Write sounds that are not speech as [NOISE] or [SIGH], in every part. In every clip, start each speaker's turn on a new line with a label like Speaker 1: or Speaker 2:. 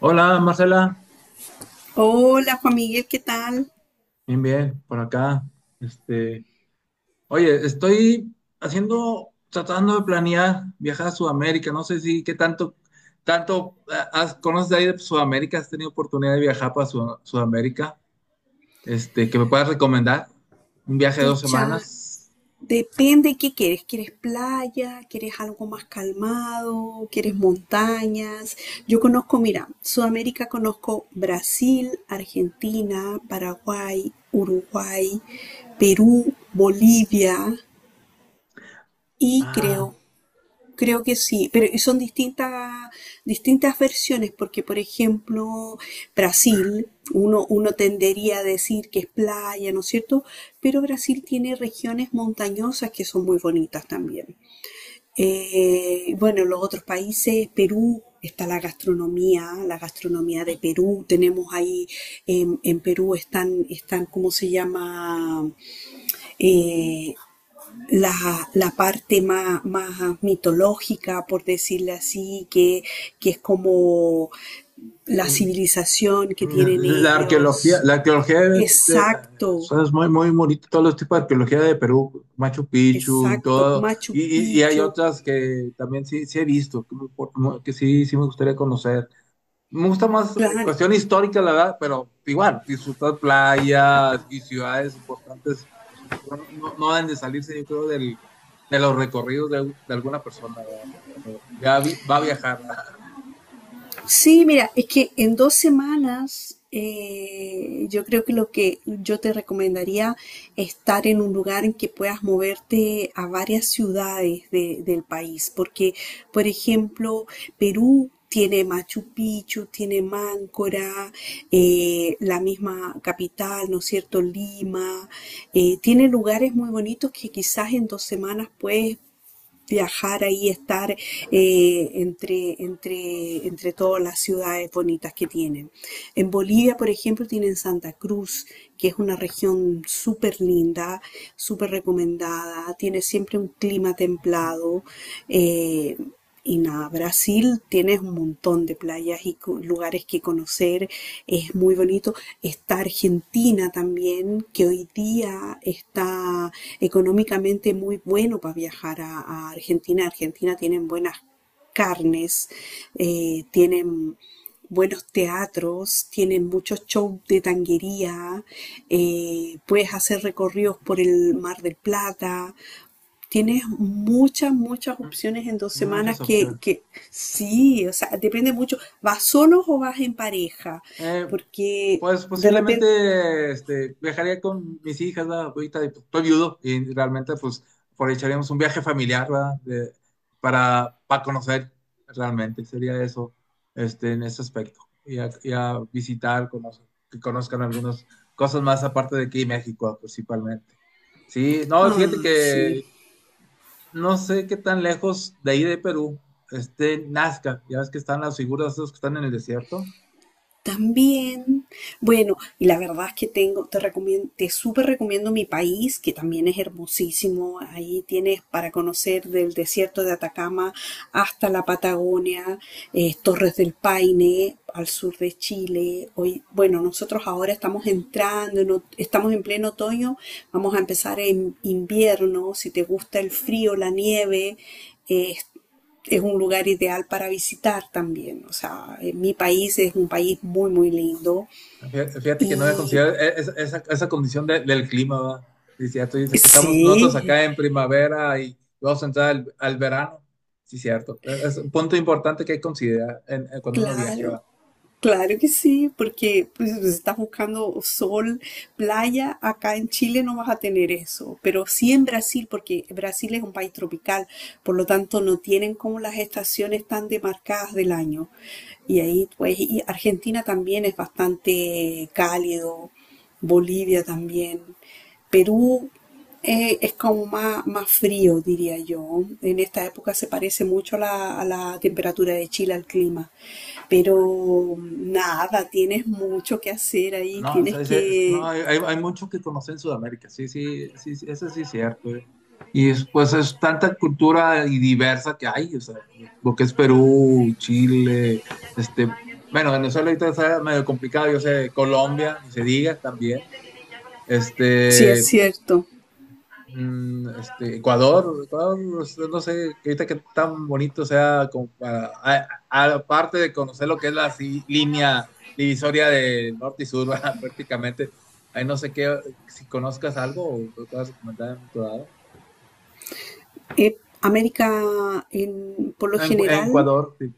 Speaker 1: Hola Marcela,
Speaker 2: Hola Juan Miguel, ¿qué tal?
Speaker 1: bien, bien, por acá. Este, oye, estoy haciendo, tratando de planear viajar a Sudamérica. No sé si qué tanto, tanto conoces de ahí de Sudamérica, has tenido oportunidad de viajar para Sudamérica. Este, que me puedas recomendar un viaje de dos
Speaker 2: Pucha,
Speaker 1: semanas.
Speaker 2: depende qué quieres. ¿Quieres playa? ¿Quieres algo más calmado? ¿Quieres montañas? Yo conozco, mira, Sudamérica conozco Brasil, Argentina, Paraguay, Uruguay, Perú, Bolivia y
Speaker 1: Ah.
Speaker 2: creo. Que sí, pero y son distintas, distintas versiones, porque por ejemplo, Brasil, uno tendería a decir que es playa, ¿no es cierto? Pero Brasil tiene regiones montañosas que son muy bonitas también. Bueno, los otros países, Perú, está la gastronomía de Perú, tenemos ahí, en Perú están, ¿cómo se llama? Eh, la, la parte más, más mitológica, por decirlo así, que es como la civilización que
Speaker 1: Mm.
Speaker 2: tienen
Speaker 1: La arqueología,
Speaker 2: ellos.
Speaker 1: la arqueología de. O
Speaker 2: Exacto,
Speaker 1: sea, es muy, muy bonito, todos los tipos de arqueología de Perú, Machu Picchu y
Speaker 2: exacto.
Speaker 1: todo,
Speaker 2: Machu
Speaker 1: y hay
Speaker 2: Picchu.
Speaker 1: otras que también sí he visto, que sí me gustaría conocer. Me gusta más
Speaker 2: Claro,
Speaker 1: cuestión histórica, la verdad, pero igual, disfrutar playas y ciudades importantes, pues, no, no, no deben de salirse, yo creo, de los recorridos de alguna persona, ¿verdad? Cuando ya va a viajar, ¿verdad?
Speaker 2: sí, mira, es que en dos semanas yo creo que lo que yo te recomendaría es estar en un lugar en que puedas moverte a varias ciudades del país, porque, por ejemplo, Perú tiene Machu Picchu, tiene Máncora, la misma capital, ¿no es cierto? Lima, tiene lugares muy bonitos que quizás en dos semanas puedes viajar ahí, estar entre todas las ciudades bonitas que tienen. En Bolivia, por ejemplo, tienen Santa Cruz, que es una región súper linda, súper recomendada, tiene siempre un clima templado. eh, y nada, Brasil tienes un montón de playas y lugares que conocer, es muy bonito. Está Argentina también, que hoy día está económicamente muy bueno para viajar a Argentina. Argentina tienen buenas carnes, tienen buenos teatros, tienen muchos shows de tanguería, puedes hacer recorridos por el Mar del Plata. Tienes muchas, muchas opciones en dos semanas
Speaker 1: Muchas
Speaker 2: que,
Speaker 1: opciones.
Speaker 2: que sí, o sea, depende mucho. ¿Vas solo o vas en pareja?
Speaker 1: Eh,
Speaker 2: Porque
Speaker 1: pues
Speaker 2: de repente,
Speaker 1: posiblemente este, viajaría con mis hijas, ¿verdad? Ahorita y, pues, estoy viudo y realmente pues aprovecharíamos un viaje familiar, ¿verdad? Para conocer realmente, sería eso este, en ese aspecto. Y a visitar, conocer, que conozcan algunas cosas más aparte de aquí en México principalmente. Sí, no, fíjate
Speaker 2: ah, sí.
Speaker 1: que no sé qué tan lejos de ahí de Perú esté Nazca, ya ves que están las figuras esas que están en el desierto.
Speaker 2: También, bueno, y la verdad es que tengo, te recomiendo, te súper recomiendo mi país, que también es hermosísimo. Ahí tienes para conocer del desierto de Atacama hasta la Patagonia, Torres del Paine, al sur de Chile. Hoy, bueno, nosotros ahora estamos entrando, estamos en pleno otoño, vamos a empezar en invierno. Si te gusta el frío, la nieve, eh, es un lugar ideal para visitar también. O sea, mi país es un país muy, muy lindo.
Speaker 1: Fíjate que no había
Speaker 2: Y
Speaker 1: considerado esa condición del clima, ¿va? Sí, cierto, dice que estamos nosotros
Speaker 2: sí,
Speaker 1: acá en primavera y vamos a entrar al verano. Sí, cierto. Es un punto importante que hay que considerar en cuando uno viaje,
Speaker 2: claro,
Speaker 1: ¿va?
Speaker 2: claro que sí, porque pues, si estás buscando sol, playa, acá en Chile no vas a tener eso, pero sí en Brasil, porque Brasil es un país tropical, por lo tanto no tienen como las estaciones tan demarcadas del año. Y ahí, pues, y Argentina también es bastante cálido, Bolivia también. Perú es como más, más frío, diría yo. En esta época se parece mucho a a la temperatura de Chile, al clima. Pero nada, tienes mucho que hacer ahí,
Speaker 1: No, o sea,
Speaker 2: tienes
Speaker 1: dice, no,
Speaker 2: que...
Speaker 1: hay, hay mucho que conocer en Sudamérica, sí, sí, sí, sí, eso sí es cierto, ¿eh? Y pues es tanta cultura y diversa que hay, o sea, lo que es Perú, Chile, este, bueno, Venezuela ahorita está medio complicado, yo sé, Colombia, ni se diga también.
Speaker 2: Sí, es
Speaker 1: Este,
Speaker 2: cierto.
Speaker 1: mm, este, Ecuador, o sea, no sé, que ahorita que tan bonito sea, como aparte de conocer lo que es la línea divisoria de norte y sur, [LAUGHS] ¿verdad? Prácticamente, ahí no sé qué, si conozcas algo o me puedas recomendar en tu lado.
Speaker 2: América, por lo
Speaker 1: Ah. En
Speaker 2: general,
Speaker 1: Ecuador, sí.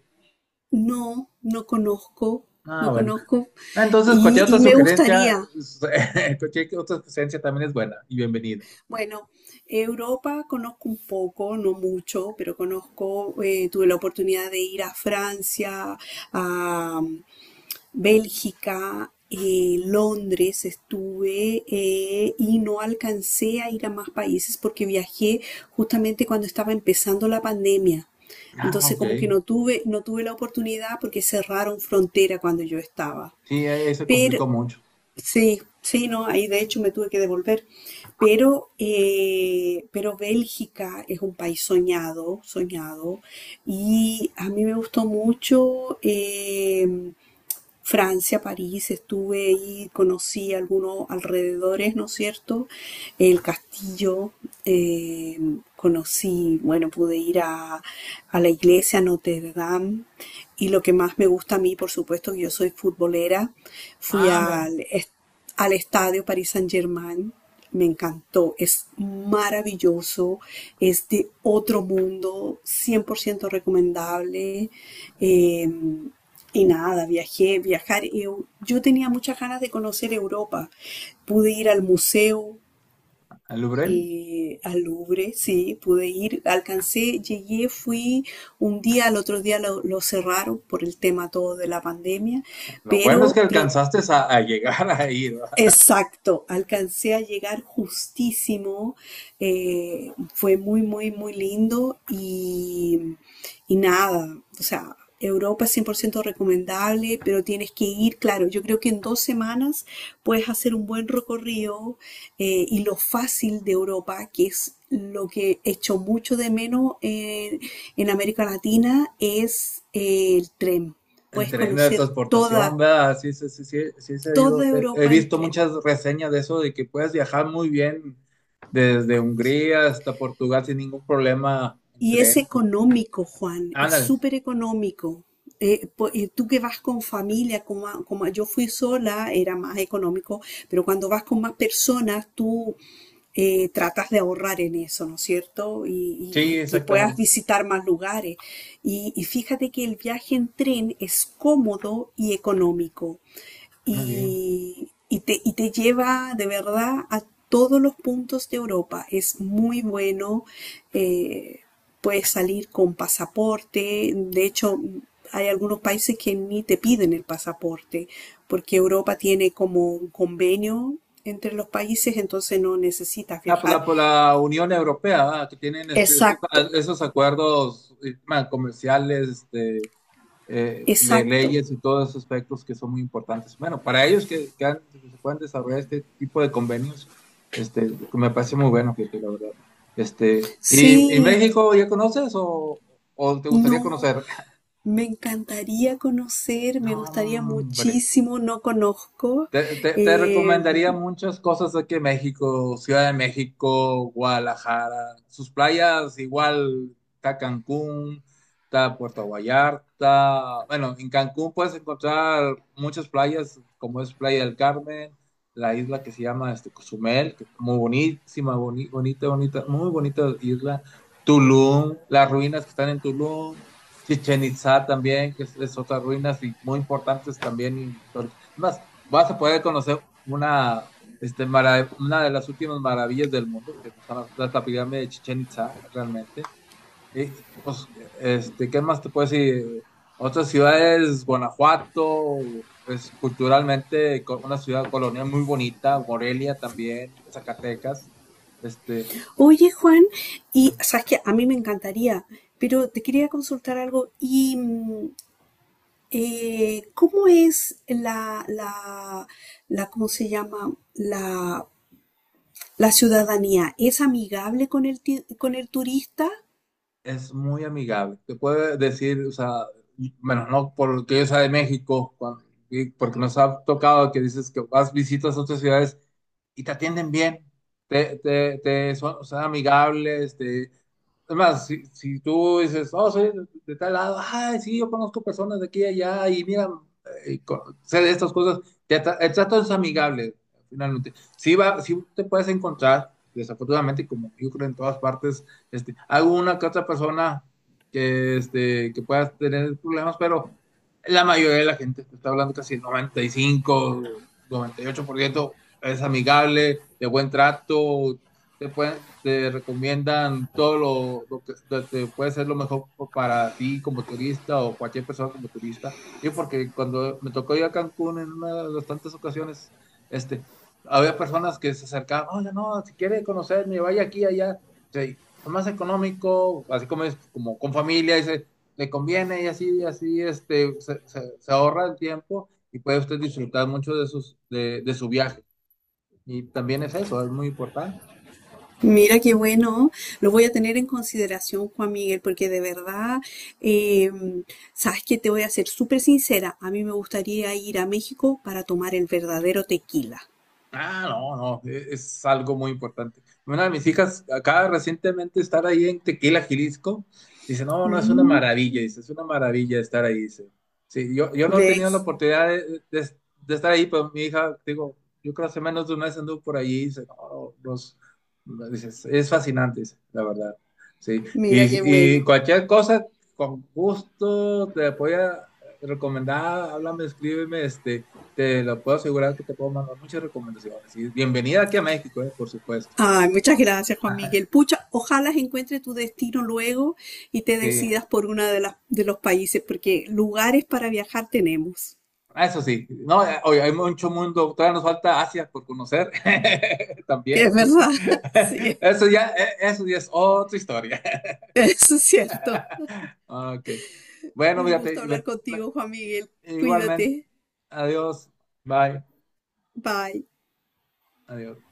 Speaker 2: no conozco,
Speaker 1: Ah,
Speaker 2: no
Speaker 1: bueno.
Speaker 2: conozco.
Speaker 1: Ah, entonces, cualquier otra
Speaker 2: Y me
Speaker 1: sugerencia,
Speaker 2: gustaría,
Speaker 1: [LAUGHS] cualquier otra sugerencia también es buena y bienvenida.
Speaker 2: bueno, Europa conozco un poco, no mucho, pero conozco, tuve la oportunidad de ir a Francia, a Bélgica, Londres estuve y no alcancé a ir a más países porque viajé justamente cuando estaba empezando la pandemia.
Speaker 1: Ah,
Speaker 2: Entonces
Speaker 1: ok.
Speaker 2: como que no tuve la oportunidad porque cerraron frontera cuando yo estaba.
Speaker 1: Sí, ahí se
Speaker 2: Pero
Speaker 1: complicó mucho.
Speaker 2: sí, sí, no, ahí de hecho me tuve que devolver, pero Bélgica es un país soñado, soñado, y a mí me gustó mucho, Francia, París, estuve ahí, conocí algunos alrededores, ¿no es cierto? El castillo, eh, conocí, bueno, pude ir a la iglesia Notre Dame y lo que más me gusta a mí, por supuesto, que yo soy futbolera, fui
Speaker 1: Ah, mira,
Speaker 2: al, al estadio Paris Saint-Germain, me encantó, es maravilloso, es de otro mundo, 100% recomendable. Eh, y nada, viajé, viajar. Y yo tenía muchas ganas de conocer Europa. Pude ir al museo,
Speaker 1: el Louvre.
Speaker 2: al Louvre, sí, pude ir, alcancé, llegué, fui un día, al otro día lo cerraron por el tema todo de la pandemia,
Speaker 1: Lo bueno es que
Speaker 2: pero
Speaker 1: alcanzaste a llegar [LAUGHS] a ir, ¿verdad?
Speaker 2: exacto, alcancé a llegar justísimo, fue muy, muy, muy lindo y nada, o sea, Europa es 100% recomendable, pero tienes que ir, claro, yo creo que en dos semanas puedes hacer un buen recorrido y lo fácil de Europa, que es lo que echo mucho de menos en América Latina, es el tren.
Speaker 1: En
Speaker 2: Puedes
Speaker 1: tren de
Speaker 2: conocer
Speaker 1: transportación,
Speaker 2: toda,
Speaker 1: ¿verdad? Sí, sí, sí, sí, sí, se ha ido.
Speaker 2: toda
Speaker 1: He
Speaker 2: Europa en
Speaker 1: visto
Speaker 2: tren.
Speaker 1: muchas reseñas de eso, de que puedes viajar muy bien desde Hungría hasta Portugal sin ningún problema en
Speaker 2: Y es
Speaker 1: tren.
Speaker 2: económico, Juan, es
Speaker 1: Ándale,
Speaker 2: súper económico. Tú que vas con familia, yo fui sola, era más económico, pero cuando vas con más personas, tú tratas de ahorrar en eso, ¿no es cierto?
Speaker 1: sí,
Speaker 2: Y que puedas
Speaker 1: exactamente.
Speaker 2: visitar más lugares. Y fíjate que el viaje en tren es cómodo y económico
Speaker 1: Muy bien.
Speaker 2: y te lleva de verdad a todos los puntos de Europa. Es muy bueno, eh, puedes salir con pasaporte, de hecho hay algunos países que ni te piden el pasaporte, porque Europa tiene como un convenio entre los países, entonces no necesitas
Speaker 1: Ah, por
Speaker 2: viajar.
Speaker 1: la, por la Unión Europea, ¿verdad? Que tienen este, esos,
Speaker 2: Exacto,
Speaker 1: esos acuerdos bueno, comerciales, este, de
Speaker 2: exacto.
Speaker 1: leyes y todos esos aspectos que son muy importantes. Bueno, para ellos que, que se puedan desarrollar este tipo de convenios, este, que me parece muy bueno, fíjate, la verdad. Este, ¿y
Speaker 2: Sí,
Speaker 1: México ya conoces o te gustaría
Speaker 2: no.
Speaker 1: conocer? [LAUGHS]
Speaker 2: Me encantaría conocer,
Speaker 1: No,
Speaker 2: me gustaría
Speaker 1: hombre.
Speaker 2: muchísimo, no conozco.
Speaker 1: Te
Speaker 2: Eh,
Speaker 1: recomendaría muchas cosas aquí en México, Ciudad de México, Guadalajara, sus playas igual, está Cancún, está Puerto Vallarta. Bueno, en Cancún puedes encontrar muchas playas, como es Playa del Carmen, la isla que se llama este, Cozumel, que es muy bonísima, bonita, muy bonita isla. Tulum, las ruinas que están en Tulum, Chichen Itzá también, que es otras ruinas y muy importantes también, históricas. Más, vas a poder conocer una de las últimas maravillas del mundo, que son la pirámide de Chichén Itzá, realmente. Y, pues, este, ¿qué más te puedo decir? Otras ciudades, Guanajuato, es culturalmente una ciudad colonial muy bonita, Morelia también, Zacatecas. Este,
Speaker 2: oye, Juan, y sabes que a mí me encantaría, pero te quería consultar algo. ¿Y cómo es cómo se llama, la ciudadanía? ¿Es amigable con el, con el turista?
Speaker 1: es muy amigable. Te puede decir, o sea, bueno, no por lo que yo sea de México, y porque nos ha tocado que dices que vas, visitas otras ciudades y te atienden bien, te son amigables, es más, si tú dices, oh, soy de tal lado, ay, sí, yo conozco personas de aquí y allá, y mira, sé de estas cosas, el trato es amigable, finalmente. Sí, va, sí te puedes encontrar, desafortunadamente, como yo creo en todas partes, este, alguna que otra persona que pueda tener problemas, pero la mayoría de la gente, te está hablando casi el 95, 98%, es amigable, de buen trato, te recomiendan todo lo que te puede ser lo mejor para ti como turista o cualquier persona como turista. Yo porque cuando me tocó ir a Cancún en una de las tantas ocasiones, este, había personas que se acercaban, oye, no, si quiere conocerme, vaya aquí, allá. Sí, más económico, así como es, como con familia, dice, le conviene y así, así, este, se ahorra el tiempo y puede usted disfrutar mucho de su viaje. Y también es eso, es muy importante.
Speaker 2: Mira qué bueno, lo voy a tener en consideración, Juan Miguel, porque de verdad, eh, sabes que te voy a ser súper sincera, a mí me gustaría ir a México para tomar el verdadero tequila.
Speaker 1: Ah, no, no, es, algo muy importante. Una de mis hijas acaba recientemente de estar ahí en Tequila, Jalisco. Dice, no, no, es una
Speaker 2: Mm,
Speaker 1: maravilla, dice, es una maravilla estar ahí, dice. Sí, yo no he tenido la
Speaker 2: ¿ves?
Speaker 1: oportunidad de estar ahí, pero mi hija, digo, yo creo hace menos de una vez anduvo por allí, dice, no, no, los, dice, es fascinante, dice, la verdad. Sí,
Speaker 2: Mira qué
Speaker 1: y
Speaker 2: bueno.
Speaker 1: cualquier cosa, con gusto, te voy a recomendar, háblame, escríbeme, este. Te lo puedo asegurar que te puedo mandar muchas recomendaciones. Y bienvenida aquí a México, por supuesto.
Speaker 2: Ay, muchas gracias, Juan
Speaker 1: Ajá,
Speaker 2: Miguel. Pucha, ojalá encuentre tu destino luego y te
Speaker 1: [LAUGHS] sí,
Speaker 2: decidas por uno de las, de los países, porque lugares para viajar tenemos,
Speaker 1: eso sí. No, oye, hay mucho mundo. Todavía nos falta Asia por conocer. [LAUGHS]
Speaker 2: que
Speaker 1: También.
Speaker 2: es verdad, [LAUGHS]
Speaker 1: [LAUGHS]
Speaker 2: sí,
Speaker 1: Eso ya es otra historia. [LAUGHS]
Speaker 2: eso es cierto.
Speaker 1: Ok. Bueno,
Speaker 2: Un gusto
Speaker 1: fíjate,
Speaker 2: hablar contigo, Juan Miguel.
Speaker 1: igualmente.
Speaker 2: Cuídate.
Speaker 1: Adiós. Bye.
Speaker 2: Bye.
Speaker 1: Adiós.